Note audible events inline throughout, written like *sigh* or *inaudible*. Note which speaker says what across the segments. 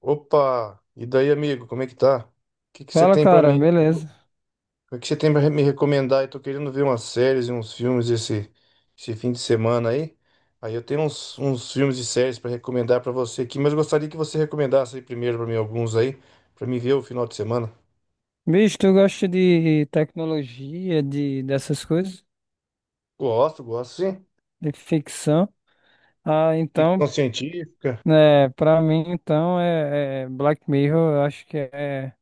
Speaker 1: Opa! E daí, amigo, como é que tá? O que você
Speaker 2: Fala,
Speaker 1: tem pra
Speaker 2: cara,
Speaker 1: mim?
Speaker 2: beleza.
Speaker 1: O que você tem para me recomendar? Eu tô querendo ver umas séries e uns filmes esse fim de semana aí. Aí eu tenho uns filmes e séries pra recomendar pra você aqui, mas eu gostaria que você recomendasse aí primeiro pra mim alguns aí, pra mim ver o final de semana.
Speaker 2: Bicho, tu gosta de tecnologia, de dessas coisas,
Speaker 1: Gosto, gosto sim.
Speaker 2: de ficção? Ah, então,
Speaker 1: Ficção científica.
Speaker 2: né, pra mim, então, é Black Mirror, eu acho que é,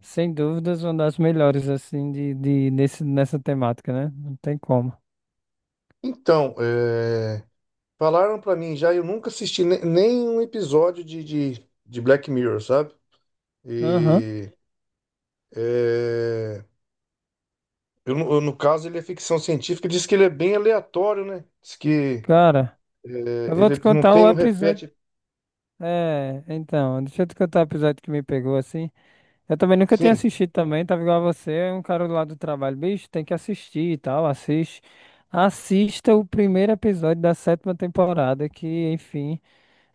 Speaker 2: sem dúvidas, uma das melhores, assim, nessa temática, né? Não tem como.
Speaker 1: Então, falaram pra mim já, eu nunca assisti nem um episódio de Black Mirror, sabe?
Speaker 2: Aham.
Speaker 1: E. é, no caso, ele é ficção científica, diz que ele é bem aleatório, né? Diz que
Speaker 2: Cara,
Speaker 1: é,
Speaker 2: eu vou
Speaker 1: ele
Speaker 2: te
Speaker 1: não
Speaker 2: contar
Speaker 1: tem,
Speaker 2: o
Speaker 1: não
Speaker 2: episódio.
Speaker 1: repete.
Speaker 2: É, então, deixa eu te contar o episódio que me pegou, assim. Eu também nunca tinha
Speaker 1: Sim.
Speaker 2: assistido também, tava igual a você, é um cara lá do trabalho, bicho, tem que assistir e tal, assiste. Assista o primeiro episódio da sétima temporada, que, enfim,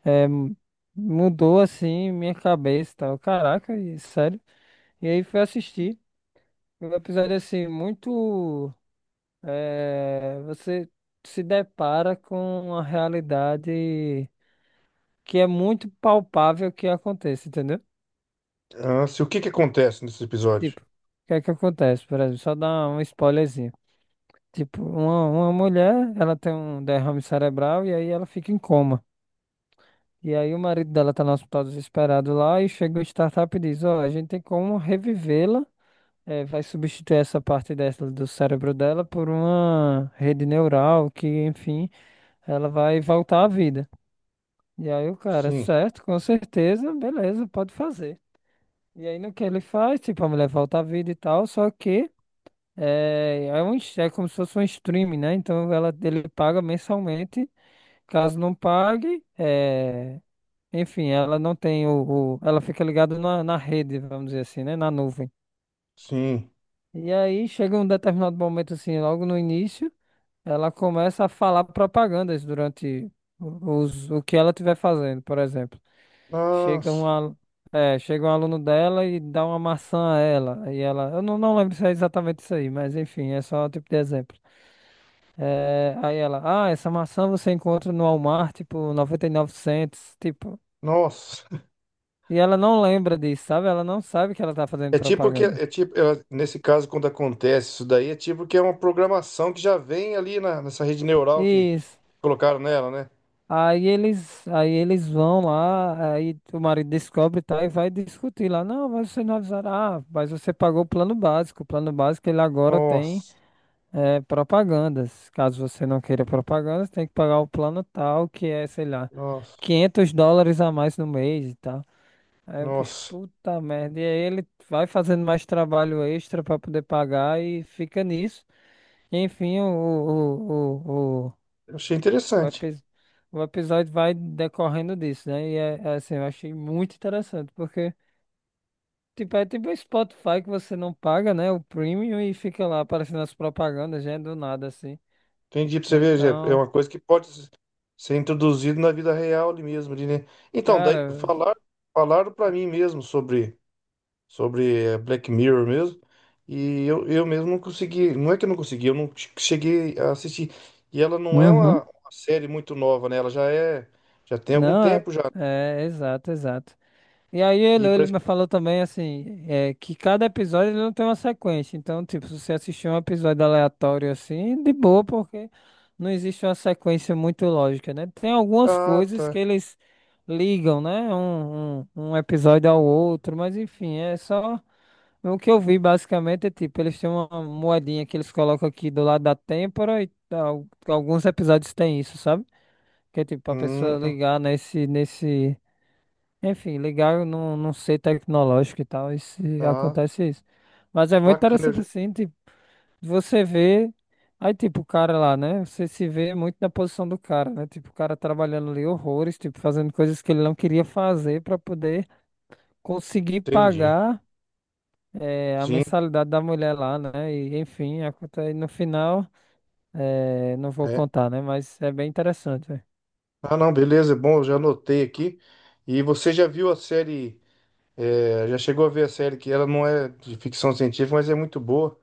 Speaker 2: é, m- mudou, assim, minha cabeça e tal. Caraca, sério. E aí fui assistir. Um episódio, assim, muito... é, você se depara com uma realidade que é muito palpável que aconteça, entendeu?
Speaker 1: Ah, se, o que que acontece nesse episódio?
Speaker 2: Tipo, o que é que acontece, por exemplo, só dar um spoilerzinho. Tipo, uma mulher, ela tem um derrame cerebral e aí ela fica em coma. E aí o marido dela tá no hospital desesperado lá e chega o startup e diz, ó, a gente tem como revivê-la, vai substituir essa parte dessa do cérebro dela por uma rede neural que, enfim, ela vai voltar à vida. E aí o cara,
Speaker 1: Sim,
Speaker 2: certo, com certeza, beleza, pode fazer. E aí no que ele faz, tipo, a mulher volta à vida e tal, só que... é como se fosse um streaming, né? Então ela, ele paga mensalmente. Caso não pague, é... enfim, ela não tem Ela fica ligada na, na rede, vamos dizer assim, né? Na nuvem.
Speaker 1: sim.
Speaker 2: E aí chega um determinado momento, assim, logo no início, ela começa a falar propagandas durante o que ela estiver fazendo, por exemplo. Chega
Speaker 1: Nossa,
Speaker 2: um, alu- é, chega um aluno dela e dá uma maçã a ela. E ela. Eu não lembro se é exatamente isso aí, mas enfim, é só um tipo de exemplo. É, aí ela, ah, essa maçã você encontra no Walmart por 99 cents. Tipo,
Speaker 1: nossa.
Speaker 2: e ela não lembra disso, sabe? Ela não sabe que ela tá fazendo
Speaker 1: É tipo que,
Speaker 2: propaganda.
Speaker 1: é tipo, é, Nesse caso, quando acontece isso daí, é tipo que é uma programação que já vem nessa rede neural que
Speaker 2: Isso.
Speaker 1: colocaram nela, né?
Speaker 2: Aí eles vão lá, aí o marido descobre, tá? E vai discutir lá. Não, mas você não avisaram. Ah, mas você pagou o plano básico. O plano básico ele agora tem
Speaker 1: Nossa,
Speaker 2: propagandas. Caso você não queira propagandas, tem que pagar o plano tal, que é, sei lá,
Speaker 1: nossa,
Speaker 2: 500 dólares a mais no mês e tal. Aí o bicho,
Speaker 1: nossa.
Speaker 2: puta merda. E aí ele vai fazendo mais trabalho extra pra poder pagar e fica nisso. Enfim,
Speaker 1: Eu achei
Speaker 2: o
Speaker 1: interessante.
Speaker 2: epis- o episódio vai decorrendo disso, né? E é, é assim, eu achei muito interessante, porque tipo, é tipo um Spotify que você não paga, né? O premium e fica lá aparecendo as propagandas, já é do nada, assim.
Speaker 1: Entendi, pra você ver, Jé, é
Speaker 2: Então,
Speaker 1: uma coisa que pode s- ser introduzida na vida real ali mesmo, ali, né? Então, daí,
Speaker 2: cara.
Speaker 1: falaram para mim mesmo sobre Black Mirror mesmo, e eu mesmo não consegui, não é que eu não consegui, eu não che- cheguei a assistir. E ela não é
Speaker 2: Uhum.
Speaker 1: uma série muito nova, né? Já tem algum
Speaker 2: Não, é,
Speaker 1: tempo já.
Speaker 2: é exato, exato. E aí
Speaker 1: E
Speaker 2: ele
Speaker 1: parece,
Speaker 2: me falou também assim, é, que cada episódio ele não tem uma sequência. Então, tipo, se você assistir um episódio aleatório assim, de boa, porque não existe uma sequência muito lógica, né? Tem algumas
Speaker 1: ah,
Speaker 2: coisas que
Speaker 1: tá.
Speaker 2: eles ligam, né? Um episódio ao outro, mas enfim, é só. O que eu vi basicamente é tipo, eles têm uma moedinha que eles colocam aqui do lado da têmpora e tal. Alguns episódios têm isso, sabe? Que é tipo, pra pessoa
Speaker 1: Hum,
Speaker 2: ligar nesse. Enfim, legal, não, não sei tecnológico e tal, e se
Speaker 1: tá.
Speaker 2: acontece isso. Mas é muito
Speaker 1: Bacana,
Speaker 2: interessante assim, tipo, você vê, aí tipo, o cara lá, né? Você se vê muito na posição do cara, né? Tipo, o cara trabalhando ali horrores, tipo, fazendo coisas que ele não queria fazer pra poder conseguir
Speaker 1: entendi.
Speaker 2: pagar a
Speaker 1: Sim,
Speaker 2: mensalidade da mulher lá, né? E enfim, acontece, no final, não vou
Speaker 1: é.
Speaker 2: contar, né? Mas é bem interessante, velho.
Speaker 1: Ah, não, beleza, é bom, eu já anotei aqui. E você já viu a série? É, já chegou a ver a série que ela não é de ficção científica, mas é muito boa.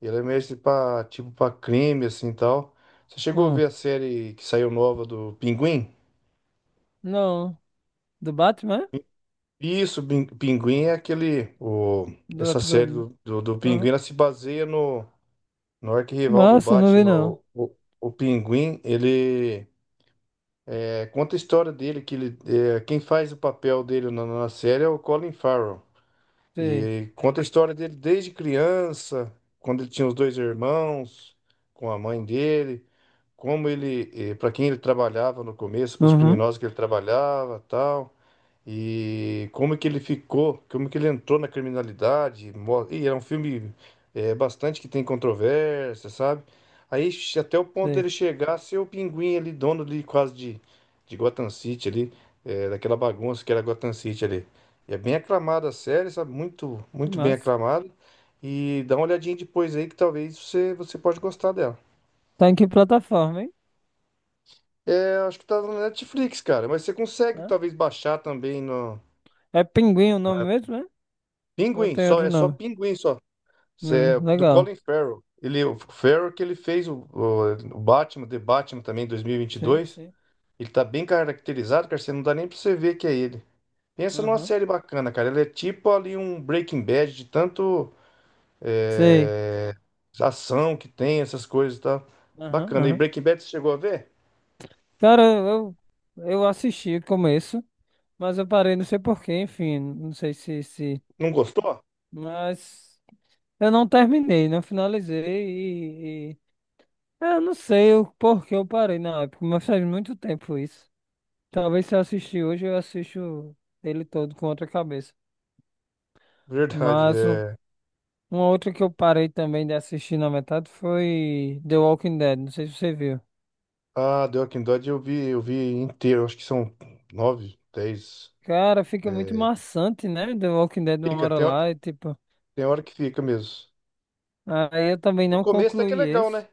Speaker 1: Ela é meio para tipo para crime assim e tal. Você chegou a
Speaker 2: Hum.
Speaker 1: ver a série que saiu nova do Pinguim?
Speaker 2: Não, do Batman?
Speaker 1: Isso, Pinguim é aquele o
Speaker 2: Do
Speaker 1: essa série
Speaker 2: episódio.
Speaker 1: do Pinguim,
Speaker 2: Aham.
Speaker 1: ela se baseia no
Speaker 2: Que
Speaker 1: arquirrival do
Speaker 2: massa, não vi
Speaker 1: Batman,
Speaker 2: não.
Speaker 1: o Pinguim, ele conta a história dele que ele é, quem faz o papel dele na série é o Colin Farrell.
Speaker 2: Sei.
Speaker 1: E conta a história dele desde criança, quando ele tinha os dois irmãos, com a mãe dele, como ele, para quem ele trabalhava no começo, para os
Speaker 2: Uhum.
Speaker 1: criminosos que ele trabalhava, tal. E como que ele ficou, como que ele entrou na criminalidade. E é um filme bastante que tem controvérsia, sabe? Até o ponto
Speaker 2: Sei.
Speaker 1: dele chegar a ser o Pinguim ali, dono ali quase de Gotham City ali, daquela bagunça que era Gotham City ali. E é bem aclamada a série, sabe? Muito,
Speaker 2: Que
Speaker 1: muito bem
Speaker 2: massa.
Speaker 1: aclamada. E dá uma olhadinha depois aí que talvez você pode gostar dela.
Speaker 2: Tá em que plataforma, hein?
Speaker 1: É, acho que tá na Netflix, cara, mas você consegue
Speaker 2: Hã?
Speaker 1: talvez baixar também no...
Speaker 2: É Pinguim o
Speaker 1: Não
Speaker 2: nome
Speaker 1: é
Speaker 2: mesmo, né? Ou
Speaker 1: Pinguim,
Speaker 2: tem
Speaker 1: só,
Speaker 2: outro
Speaker 1: é só
Speaker 2: nome?
Speaker 1: Pinguim, só. É do
Speaker 2: Legal.
Speaker 1: Colin Farrell. Ele, o Farrell que ele fez o Batman, The Batman também, em
Speaker 2: Sim,
Speaker 1: 2022.
Speaker 2: sim.
Speaker 1: Ele tá bem caracterizado, cara. Você não dá nem pra você ver que é ele. Pensa numa
Speaker 2: Uhum.
Speaker 1: série bacana, cara. Ele é tipo ali um Breaking Bad de tanto
Speaker 2: Sei.
Speaker 1: é, ação que tem, essas coisas e tal.
Speaker 2: Aham,
Speaker 1: Bacana. E
Speaker 2: aham.
Speaker 1: Breaking Bad você chegou a ver?
Speaker 2: Cara, eu assisti o começo, mas eu parei, não sei porquê, enfim. Não sei se, se...
Speaker 1: Não gostou?
Speaker 2: Mas eu não terminei, não finalizei e... e- é, eu não sei o porquê eu parei na época, mas faz muito tempo isso. Talvez se eu assistir hoje, eu assisto ele todo com outra cabeça.
Speaker 1: Verdade.
Speaker 2: Mas um-
Speaker 1: É...
Speaker 2: uma outra que eu parei também de assistir na metade foi The Walking Dead. Não sei se você viu.
Speaker 1: Ah, The Walking Dead eu vi inteiro. Acho que são nove, dez.
Speaker 2: Cara, fica muito
Speaker 1: É,
Speaker 2: maçante, né? The Walking Dead uma
Speaker 1: Fica,
Speaker 2: hora
Speaker 1: tem, hora-
Speaker 2: lá e tipo.
Speaker 1: Tem hora que fica mesmo.
Speaker 2: Aí eu também
Speaker 1: O
Speaker 2: não
Speaker 1: começo até que é
Speaker 2: concluí
Speaker 1: legal,
Speaker 2: esse.
Speaker 1: né?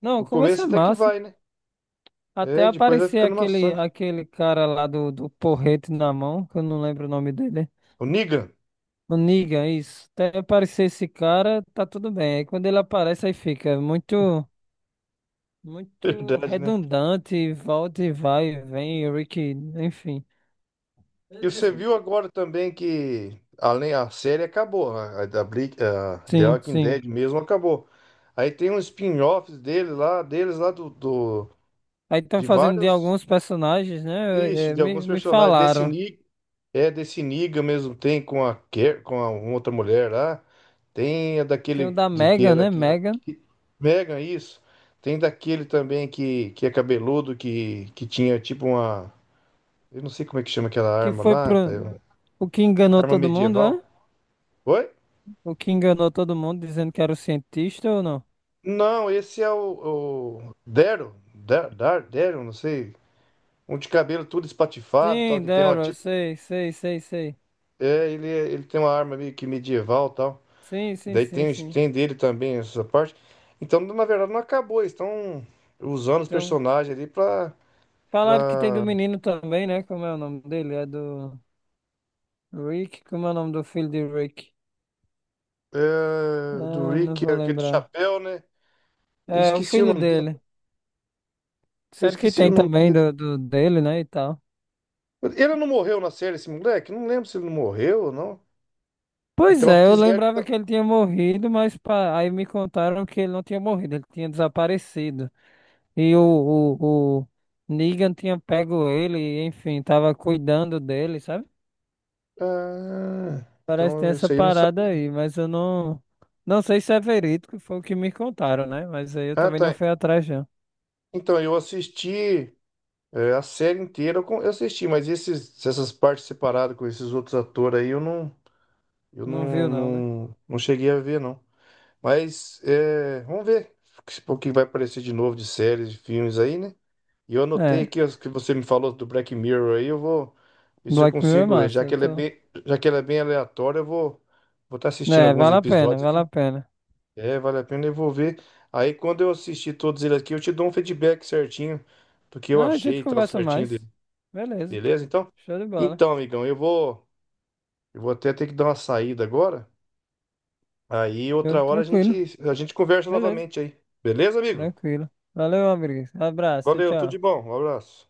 Speaker 2: Não,
Speaker 1: O
Speaker 2: começa
Speaker 1: começo até que
Speaker 2: massa.
Speaker 1: vai, né?
Speaker 2: Até
Speaker 1: É, depois vai
Speaker 2: aparecer
Speaker 1: ficando
Speaker 2: aquele,
Speaker 1: maçante.
Speaker 2: aquele cara lá do porrete na mão, que eu não lembro o nome dele.
Speaker 1: O Negan,
Speaker 2: O Negan, isso. Até aparecer esse cara, tá tudo bem. Aí quando ele aparece, aí fica muito,
Speaker 1: *laughs*
Speaker 2: muito
Speaker 1: verdade, né?
Speaker 2: redundante, volta e vai, vem, Rick, enfim.
Speaker 1: E você viu agora também que além a série acabou, né? A The
Speaker 2: Sim,
Speaker 1: Walking
Speaker 2: sim.
Speaker 1: Dead mesmo acabou. Aí tem um spin-off deles lá do
Speaker 2: Aí estão
Speaker 1: de
Speaker 2: fazendo de
Speaker 1: vários
Speaker 2: alguns personagens, né?
Speaker 1: Isso,
Speaker 2: É,
Speaker 1: de alguns
Speaker 2: me
Speaker 1: personagens.
Speaker 2: falaram.
Speaker 1: Desse Niga mesmo tem com com a uma outra mulher lá. Tem a
Speaker 2: Tem o
Speaker 1: daquele
Speaker 2: da
Speaker 1: de que
Speaker 2: mega
Speaker 1: era
Speaker 2: né? Megan,
Speaker 1: que Megan, isso. Tem daquele também que é cabeludo, que tinha tipo uma. Eu não sei como é que chama aquela
Speaker 2: que
Speaker 1: arma
Speaker 2: foi
Speaker 1: lá,
Speaker 2: pro.
Speaker 1: pai, uma
Speaker 2: O que enganou
Speaker 1: arma
Speaker 2: todo mundo, é?
Speaker 1: medieval. Oi?
Speaker 2: O que enganou todo mundo dizendo que era o cientista ou não?
Speaker 1: Não, esse é o Daryl, Daryl, não sei. Um de cabelo tudo espatifado, tal,
Speaker 2: Sim,
Speaker 1: que tem uma
Speaker 2: Daryl,
Speaker 1: tipo.
Speaker 2: sei, sei, sei, sei.
Speaker 1: Ele tem uma arma meio que medieval, tal.
Speaker 2: Sim, sim,
Speaker 1: Daí
Speaker 2: sim, sim.
Speaker 1: tem dele também essa parte. Então, na verdade, não acabou. Eles estão usando os
Speaker 2: Então,
Speaker 1: personagens ali pra.
Speaker 2: falaram que tem do
Speaker 1: pra
Speaker 2: menino também, né? Como é o nome dele? É do Rick? Como é o nome do filho de Rick?
Speaker 1: É, do
Speaker 2: Ah, não
Speaker 1: Rick,
Speaker 2: vou
Speaker 1: aquele do
Speaker 2: lembrar.
Speaker 1: chapéu, né? Eu
Speaker 2: É, o
Speaker 1: esqueci o
Speaker 2: filho
Speaker 1: nome
Speaker 2: dele.
Speaker 1: dele. Eu
Speaker 2: Sério que
Speaker 1: esqueci o
Speaker 2: tem
Speaker 1: nome
Speaker 2: também
Speaker 1: dele.
Speaker 2: do dele, né? E tal.
Speaker 1: Ele não morreu na série, esse moleque? Não lembro se ele não morreu ou não.
Speaker 2: Pois
Speaker 1: Então
Speaker 2: é, eu
Speaker 1: fizeram.
Speaker 2: lembrava
Speaker 1: Então,
Speaker 2: que ele tinha morrido, mas aí me contaram que ele não tinha morrido, ele tinha desaparecido. E o Negan tinha pego ele, e, enfim, tava cuidando dele, sabe?
Speaker 1: ah,
Speaker 2: Parece que tem
Speaker 1: então
Speaker 2: essa
Speaker 1: isso aí eu não
Speaker 2: parada
Speaker 1: sabia.
Speaker 2: aí, mas eu não sei se é verídico, foi o que me contaram, né? Mas aí eu
Speaker 1: Ah,
Speaker 2: também não
Speaker 1: tá.
Speaker 2: fui atrás, não.
Speaker 1: Então eu assisti a série inteira, eu assisti, mas essas partes separadas com esses outros atores aí, eu não. Eu
Speaker 2: Não
Speaker 1: não,
Speaker 2: viu, não, né?
Speaker 1: não, não cheguei a ver, não. Mas é, vamos ver o que vai aparecer de novo de séries, de filmes aí, né? E eu anotei
Speaker 2: É,
Speaker 1: aqui os que você me falou do Black Mirror aí, eu vou ver se eu
Speaker 2: Black Mirror é
Speaker 1: consigo, já
Speaker 2: massa, eu
Speaker 1: que ela é
Speaker 2: tô...
Speaker 1: bem, já que ela é bem aleatória, eu vou vou estar assistindo
Speaker 2: É,
Speaker 1: alguns
Speaker 2: vale a pena,
Speaker 1: episódios
Speaker 2: vale
Speaker 1: aqui.
Speaker 2: a pena.
Speaker 1: É, vale a pena, eu vou ver. Aí quando eu assistir todos eles aqui, eu te dou um feedback certinho do que eu
Speaker 2: Não, a
Speaker 1: achei
Speaker 2: gente
Speaker 1: e tal,
Speaker 2: conversa
Speaker 1: certinho
Speaker 2: mais.
Speaker 1: dele.
Speaker 2: Beleza,
Speaker 1: Beleza, então?
Speaker 2: show de bola,
Speaker 1: Então, amigão, eu vou até ter que dar uma saída agora. Aí
Speaker 2: show,
Speaker 1: outra hora
Speaker 2: tranquilo,
Speaker 1: a gente conversa
Speaker 2: beleza.
Speaker 1: novamente aí. Beleza, amigo?
Speaker 2: Tranquilo. Valeu, amigo. Abraço,
Speaker 1: Valeu, tudo
Speaker 2: tchau,
Speaker 1: de
Speaker 2: tchau.
Speaker 1: bom. Um abraço.